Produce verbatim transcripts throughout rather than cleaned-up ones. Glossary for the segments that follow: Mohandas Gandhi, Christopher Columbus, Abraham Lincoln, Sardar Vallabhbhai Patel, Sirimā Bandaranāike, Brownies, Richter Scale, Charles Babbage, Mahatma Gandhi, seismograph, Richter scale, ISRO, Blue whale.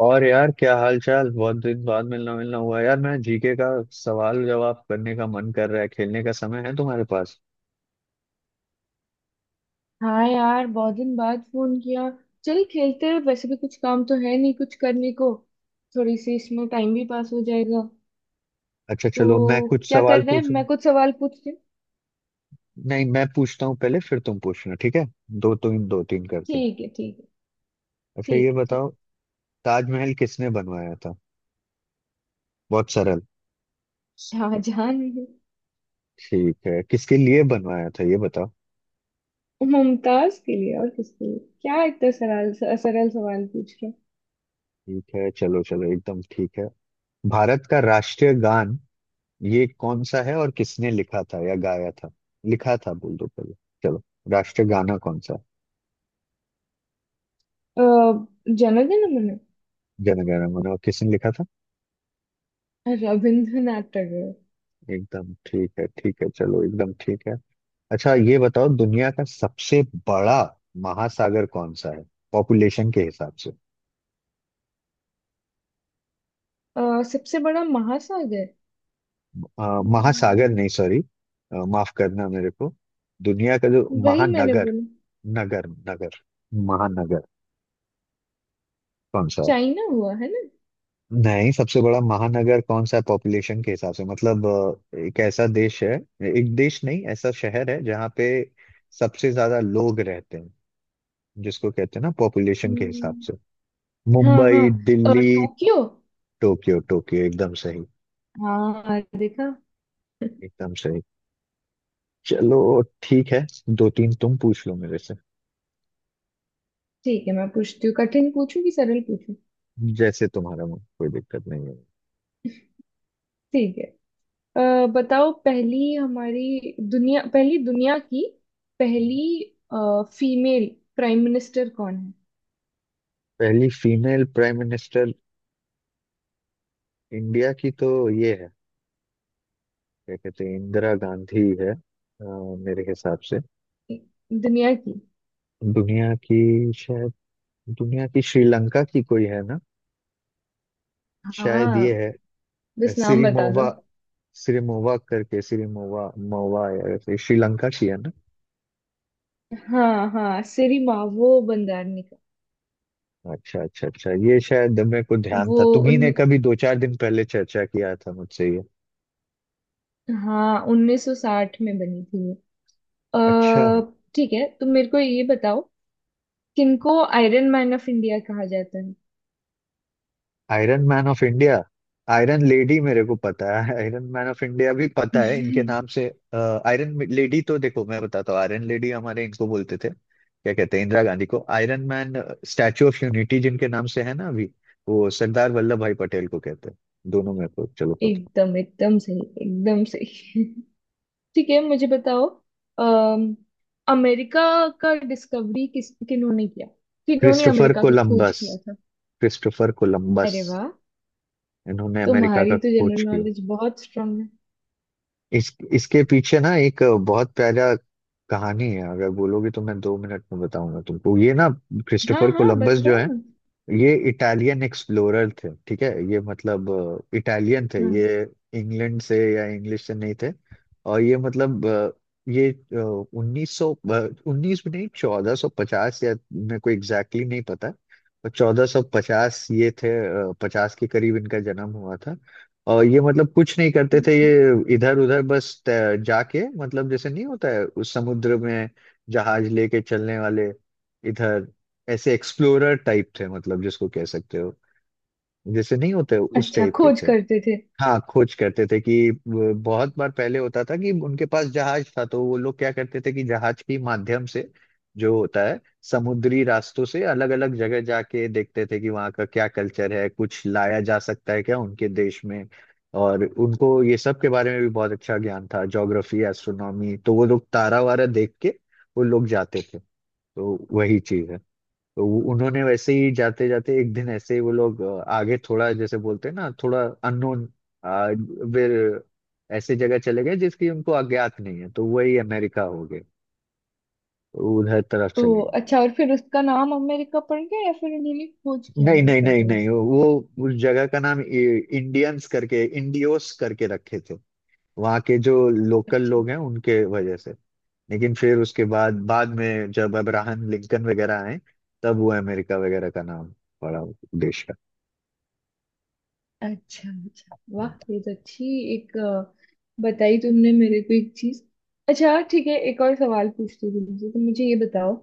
और यार, क्या हाल चाल। बहुत दिन बाद मिलना मिलना हुआ यार। मैं जीके का सवाल जवाब करने का मन कर रहा है, खेलने का समय है तुम्हारे पास? हाँ यार, बहुत दिन बाद फोन किया। चल खेलते हैं, वैसे भी कुछ काम तो है नहीं कुछ करने को। थोड़ी सी इसमें टाइम भी पास हो जाएगा। अच्छा चलो, मैं तो कुछ क्या कर सवाल रहे हैं, पूछूं। मैं कुछ सवाल पूछती हूँ। नहीं, मैं पूछता हूँ पहले, फिर तुम पूछना, ठीक है? दो तीन दो तीन करके। ठीक है ठीक है अच्छा ये ठीक है ठीक। बताओ, ताजमहल किसने बनवाया था? बहुत सरल। शाहजहान। ठीक है, किसके लिए बनवाया था ये बताओ। मुमताज के लिए। और किसके लिए? क्या इतना सरल सरल सवाल पूछ रहे ठीक है, चलो चलो, एकदम ठीक है। भारत का राष्ट्रीय गान ये कौन सा है, और किसने लिखा था या गाया था? लिखा था बोल दो पहले। चलो। राष्ट्रीय गाना कौन सा है? हो? अ, जन्मदिन मैंने। जन गण मन, और किसने लिखा था? रविंद्रनाथ टैगोर। एकदम ठीक है, ठीक है, चलो, एकदम ठीक है। अच्छा ये बताओ, दुनिया का सबसे बड़ा महासागर कौन सा है, पॉपुलेशन के हिसाब से? अ, सबसे बड़ा महासागर। अ, महासागर अम्म, नहीं, सॉरी, माफ करना मेरे को। दुनिया का जो वही मैंने महानगर, बोला। नगर नगर, महानगर कौन सा है? चाइना हुआ है ना। नहीं, सबसे बड़ा महानगर कौन सा, पॉपुलेशन के हिसाब से, मतलब अ, एक ऐसा देश है, एक देश नहीं, ऐसा शहर है जहाँ पे सबसे ज्यादा लोग रहते हैं, जिसको कहते हैं ना, पॉपुलेशन के हिसाब हम्म। से। हाँ, हाँ। मुंबई, अ, दिल्ली। टोक्यो। टोक्यो, टोक्यो, एकदम सही। हाँ, देखा। एकदम सही, चलो ठीक है। दो तीन तुम पूछ लो मेरे से। ठीक है, मैं पूछती हूँ। कठिन पूछूं कि सरल पूछूं? जैसे तुम्हारा मन, कोई दिक्कत नहीं है। ठीक है। अ, बताओ, पहली हमारी दुनिया पहली दुनिया की पहली फीमेल प्राइम मिनिस्टर कौन पहली फीमेल प्राइम मिनिस्टर, इंडिया की तो ये है, क्या कहते हैं, इंदिरा गांधी है, अ, मेरे हिसाब से। है दुनिया की? दुनिया की शायद, दुनिया की, श्रीलंका की कोई है ना, शायद ये हाँ, है। बस नाम बता दो। सिरिमोवा। सिरिमोवा करके, सिरिमोवा मोवा, या ऐसे, श्रीलंका की है ना। हाँ हाँ, सिरिमा वो बंदारनी का। अच्छा अच्छा अच्छा, ये शायद मेरे को ध्यान वो था, तुम्ही उन ने कभी दो चार दिन पहले चर्चा किया था मुझसे ये। हाँ, उन्नीस सौ साठ में बनी थी ये। अच्छा। अ, ठीक है, तो मेरे को ये बताओ, किनको आयरन मैन ऑफ इंडिया कहा जाता है? Iron man of India. Iron lady मेरे को पता है, आयरन मैन ऑफ इंडिया भी पता है, इनके नाम से। आयरन लेडी तो देखो मैं बताता हूँ, आयरन लेडी हमारे, इनको बोलते थे, क्या कहते हैं, इंदिरा गांधी को। Iron man, statue of unity जिनके नाम से है ना अभी, वो सरदार वल्लभ भाई पटेल को कहते हैं। दोनों मेरे को चलो पता। एकदम, एकदम सही, एकदम सही। ठीक है, मुझे बताओ, अम, अमेरिका का डिस्कवरी किस किन्होंने किया? किन्होंने क्रिस्टोफर अमेरिका का खोज कोलंबस। किया था? Christopher Columbus. अरे वाह! इन्होंने अमेरिका का तुम्हारी तो जनरल खोज किया। नॉलेज बहुत स्ट्रांग है। इस इसके पीछे ना एक बहुत प्यारा कहानी है, अगर बोलोगे तो मैं दो मिनट में बताऊंगा तुमको ये ना। हाँ क्रिस्टोफर हाँ, कोलंबस जो बताओ है, ना। ये इटालियन एक्सप्लोरर थे, ठीक है, ये मतलब इटालियन थे ये। हाँ। इंग्लैंड से, या इंग्लिश से नहीं थे। और ये मतलब अ, ये उन्नीस सौ, उन्नीस भी नहीं, चौदह सौ पचास, या मेरे को एग्जैक्टली नहीं पता, पर चौदह सौ पचास ये थे, पचास के करीब इनका जन्म हुआ था। और ये मतलब कुछ नहीं करते थे ये, इधर उधर बस तै- जाके, मतलब जैसे नहीं होता है उस समुद्र में जहाज लेके चलने वाले, इधर, ऐसे एक्सप्लोरर टाइप थे, मतलब जिसको कह सकते हो, जैसे नहीं होते उस अच्छा, टाइप के खोज थे। करते थे। हाँ, खोज करते थे, कि वो बहुत बार पहले होता था कि उनके पास जहाज था, तो वो लोग क्या करते थे कि जहाज के माध्यम से जो होता है, समुद्री रास्तों से अलग अलग जगह जाके देखते थे कि वहाँ का क्या कल्चर है, कुछ लाया जा सकता है क्या उनके देश में। और उनको ये सब के बारे में भी बहुत अच्छा ज्ञान था, ज्योग्राफी, एस्ट्रोनॉमी, तो वो लोग तारा वारा देख के वो लोग जाते थे। तो वही चीज है। तो वो- उन्होंने वैसे ही जाते जाते एक दिन ऐसे ही वो लोग अ, आगे थोड़ा, जैसे बोलते हैं ना, थोड़ा अननोन, फिर ऐसे जगह चले गए जिसकी उनको अज्ञात नहीं है, तो वही अमेरिका हो गए, तो उधर तरफ तो चले गए। अच्छा, और फिर उसका नाम अमेरिका पड़ गया या फिर उन्होंने खोज किया नहीं नहीं अमेरिका का नहीं नहीं, वैसे? वो उस जगह का नाम इ- इंडियंस करके, इंडियोस करके रखे थे, वहाँ के जो लोकल अच्छा, लोग हैं उनके वजह से। लेकिन फिर उसके बाद बाद में जब अब्राहम लिंकन वगैरह आए, तब वो अमेरिका वगैरह का नाम पड़ा उस देश अच्छा, अच्छा। वाह, ये तो अच्छी एक अ, बताई तुमने मेरे को एक चीज। अच्छा हाँ, ठीक है, एक और सवाल पूछती हूँ तुमसे, तो मुझे ये बताओ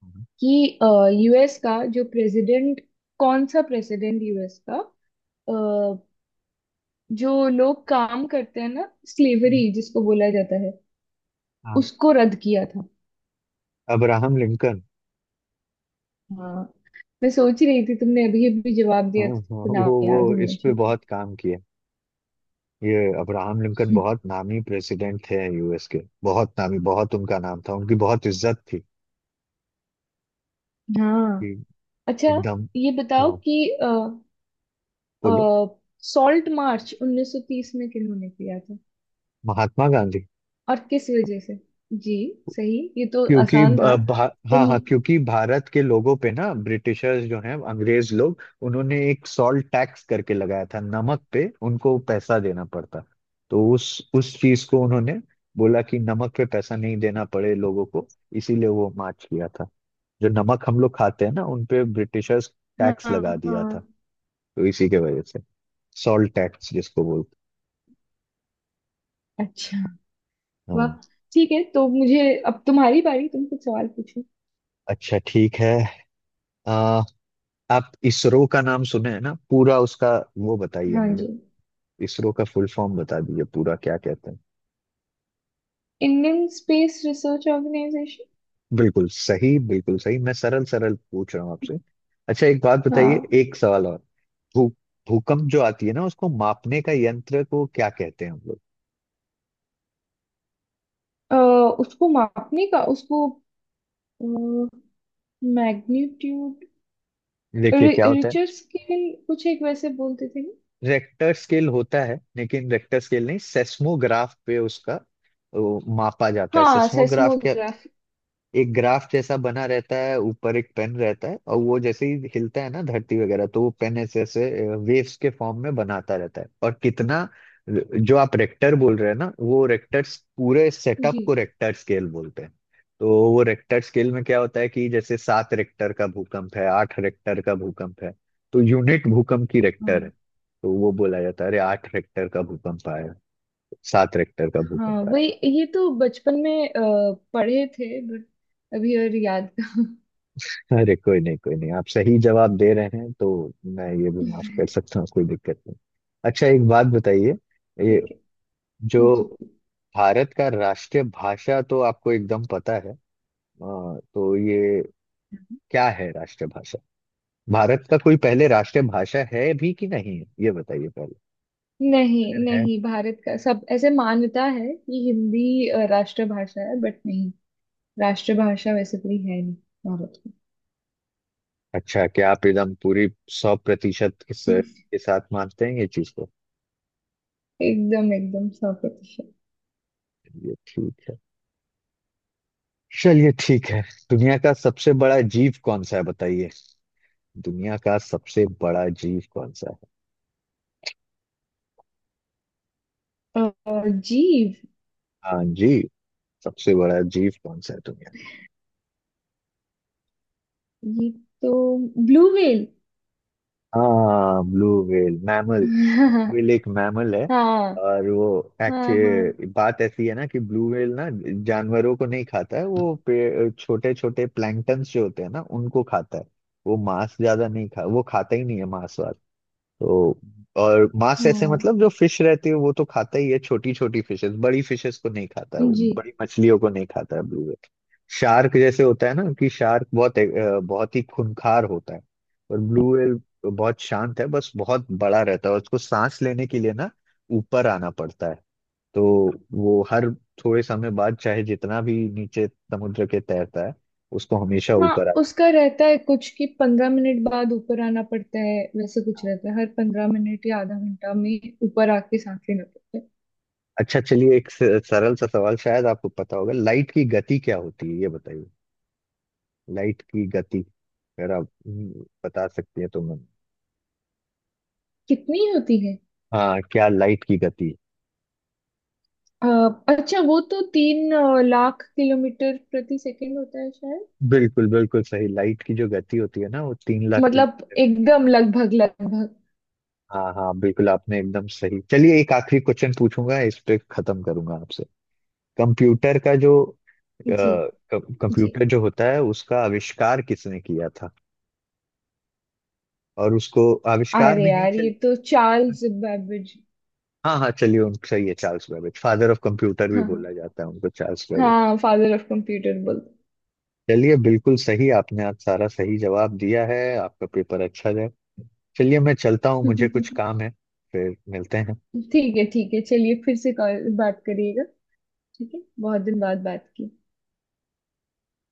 का। कि यूएस का जो प्रेसिडेंट कौन सा प्रेसिडेंट यूएस का, अ, जो लोग काम करते हैं ना स्लेवरी जिसको बोला जाता है, हाँ। उसको रद्द किया था? Abraham Lincoln. हाँ, मैं सोच रही थी, तुमने अभी अभी जवाब हाँ दिया था हाँ, तो नाम वो वो याद होना इस पे चाहिए। बहुत काम किया। ये अब्राहम लिंकन बहुत नामी प्रेसिडेंट थे यूएस के, बहुत नामी, बहुत उनका नाम था, उनकी बहुत इज्जत थी, हाँ। कि अच्छा, एकदम। ये बताओ हाँ, कि अ, बोलो। सॉल्ट मार्च उन्नीस सौ तीस में किन्होंने किया था महात्मा गांधी। और किस वजह से? जी। सही, ये तो क्योंकि आसान था। ब- भा, हाँ तुम। हाँ, क्योंकि भारत के लोगों पे ना ब्रिटिशर्स जो हैं, अंग्रेज लोग, उन्होंने एक सॉल्ट टैक्स करके लगाया था, नमक पे उनको पैसा देना पड़ता। तो उस उस चीज को उन्होंने बोला कि नमक पे पैसा नहीं देना पड़े लोगों को, इसीलिए वो मार्च किया था। जो नमक हम लोग खाते हैं ना, उन पे ब्रिटिशर्स हाँ, टैक्स लगा हाँ। दिया था, तो इसी के वजह से, सॉल्ट टैक्स जिसको बोलते अच्छा, हैं, वाह। हाँ। ठीक है, तो मुझे, अब तुम्हारी बारी, तुम कुछ सवाल पूछो। अच्छा, ठीक है। आ, आप इसरो का नाम सुने हैं ना पूरा उसका, वो बताइए हाँ मुझे। जी। इसरो का फुल फॉर्म बता दीजिए पूरा, क्या कहते हैं। Indian space research organisation. बिल्कुल सही, बिल्कुल सही, मैं सरल सरल पूछ रहा हूँ आपसे। अच्छा एक बात बताइए, हाँ। एक सवाल और। भू भूकंप जो आती है ना, उसको मापने का यंत्र को क्या कहते हैं हम लोग? अ, उसको मापने का, उसको मैग्नीट्यूड, देखिए क्या होता है, रिचर्ड स्केल, कुछ एक वैसे बोलते थे रेक्टर स्केल होता है, लेकिन रेक्टर स्केल नहीं, सेस्मोग्राफ पे उसका वो मापा जाता ना। है। हाँ, सेस्मोग्राफ क्या, सेस्मोग्राफ। एक ग्राफ जैसा बना रहता है, ऊपर एक पेन रहता है, और वो जैसे ही हिलता है ना धरती वगैरह, तो वो पेन ऐसे ऐसे वेव्स के फॉर्म में बनाता रहता है, और कितना जो आप रेक्टर बोल रहे हैं ना, वो रेक्टर्स, पूरे जी। सेटअप को रेक्टर स्केल बोलते हैं। तो वो रेक्टर स्केल में क्या होता है कि जैसे सात रेक्टर का भूकंप है, आठ रेक्टर का भूकंप है, तो यूनिट भूकंप की रेक्टर है, हाँ तो वो बोला जाता है अरे आठ रेक्टर का भूकंप आया, सात रेक्टर का हाँ, भूकंप आया। वही। ये तो बचपन में अ, पढ़े थे, बट अभी और याद। अरे कोई नहीं, कोई नहीं, आप सही जवाब दे रहे हैं तो मैं ये भी माफ कर सकता हूँ, कोई दिक्कत नहीं। अच्छा एक बात बताइए, ये ठीक है। जो जी, भारत का राष्ट्रीय भाषा, तो आपको एकदम पता है, अ, तो ये क्या है राष्ट्रीय भाषा? भारत का कोई पहले राष्ट्रीय भाषा है भी कि नहीं है, ये बताइए पहले, नहीं अगर है। नहीं, भारत का सब ऐसे मान्यता है कि हिंदी अ, राष्ट्रभाषा है, बट नहीं, राष्ट्रभाषा वैसे कोई है नहीं भारत की। अच्छा, क्या आप एकदम पूरी सौ प्रतिशत इस हम्म। के साथ मानते हैं ये चीज को? एकदम, एकदम सौ प्रतिशत। ये ठीक है, चलिए ठीक है। दुनिया का सबसे बड़ा जीव कौन सा है बताइए। दुनिया का सबसे बड़ा जीव कौन सा है? और जीव? हाँ जी, सबसे बड़ा जीव कौन सा है दुनिया? ये तो ब्लू व्हेल। हाँ blue whale, mammal, blue whale एक मैमल है। हाँ और वो, हाँ हाँ। हाँ एक्चुअली बात ऐसी है ना कि ब्लू व्हेल ना जानवरों को नहीं खाता है, वो पे छोटे छोटे प्लैंक्टन्स जो होते हैं ना, उनको खाता है। वो मांस ज्यादा नहीं खा, वो खाता ही नहीं है मांस, तो। और मांस ऐसे हाँ। मतलब जो फिश रहती है, वो तो खाता ही है, छोटी छोटी फिशेस, बड़ी फिशेस को नहीं खाता है, वो जी। बड़ी मछलियों को नहीं खाता है, ब्लू व्हेल। शार्क जैसे होता है ना, कि शार्क बहुत अ, बहुत ही खूंखार होता है, और ब्लू व्हेल बहुत शांत है, बस बहुत बड़ा रहता है, और उसको सांस लेने के लिए ना ऊपर आना पड़ता है। तो वो हर थोड़े समय बाद, चाहे जितना भी नीचे समुद्र के तैरता है, उसको हमेशा हाँ, ऊपर। उसका रहता है कुछ कि पंद्रह मिनट बाद ऊपर आना पड़ता है, वैसे कुछ रहता है, हर पंद्रह मिनट या आधा घंटा में ऊपर आके सांस लेना पड़ता है। अच्छा चलिए, एक स- सरल सा सवाल, शायद आपको पता होगा, लाइट की गति क्या होती है ये बताइए। लाइट की गति, अगर आप हम्म, बता सकती है तो मैं। कितनी होती है? हाँ, क्या लाइट की गति? अ, अच्छा, वो तो तीन अ, लाख किलोमीटर प्रति सेकंड होता है शायद। बिल्कुल बिल्कुल सही, लाइट की जो गति होती है ना, वो तीन लाख किलो। मतलब, एकदम, लगभग लगभग। हाँ हाँ बिल्कुल, आपने एकदम सही। चलिए एक आखिरी क्वेश्चन पूछूंगा, इस पे खत्म करूंगा आपसे। कंप्यूटर का जो अ, जी। क- जी, कंप्यूटर जो होता है, उसका आविष्कार किसने किया था, और उसको आविष्कार अरे भी नहीं। यार, ये तो चार्ल्स बैबेज। हाँ हाँ चलिए, उनको सही है, Charles Babbage, father of computer भी हाँ हाँ। बोला जाता है उनको, चार्ल्स बेबेज। हाँ, फादर ऑफ कंप्यूटर बोलते चलिए बिल्कुल सही, आपने आज सारा सही जवाब दिया है, आपका पेपर अच्छा जाए। चलिए मैं चलता हूँ, मुझे कुछ हैं। काम है। फिर मिलते हैं। ठीक है, ठीक है, चलिए, फिर से कॉल बात करिएगा। ठीक है, बहुत दिन बाद बात की।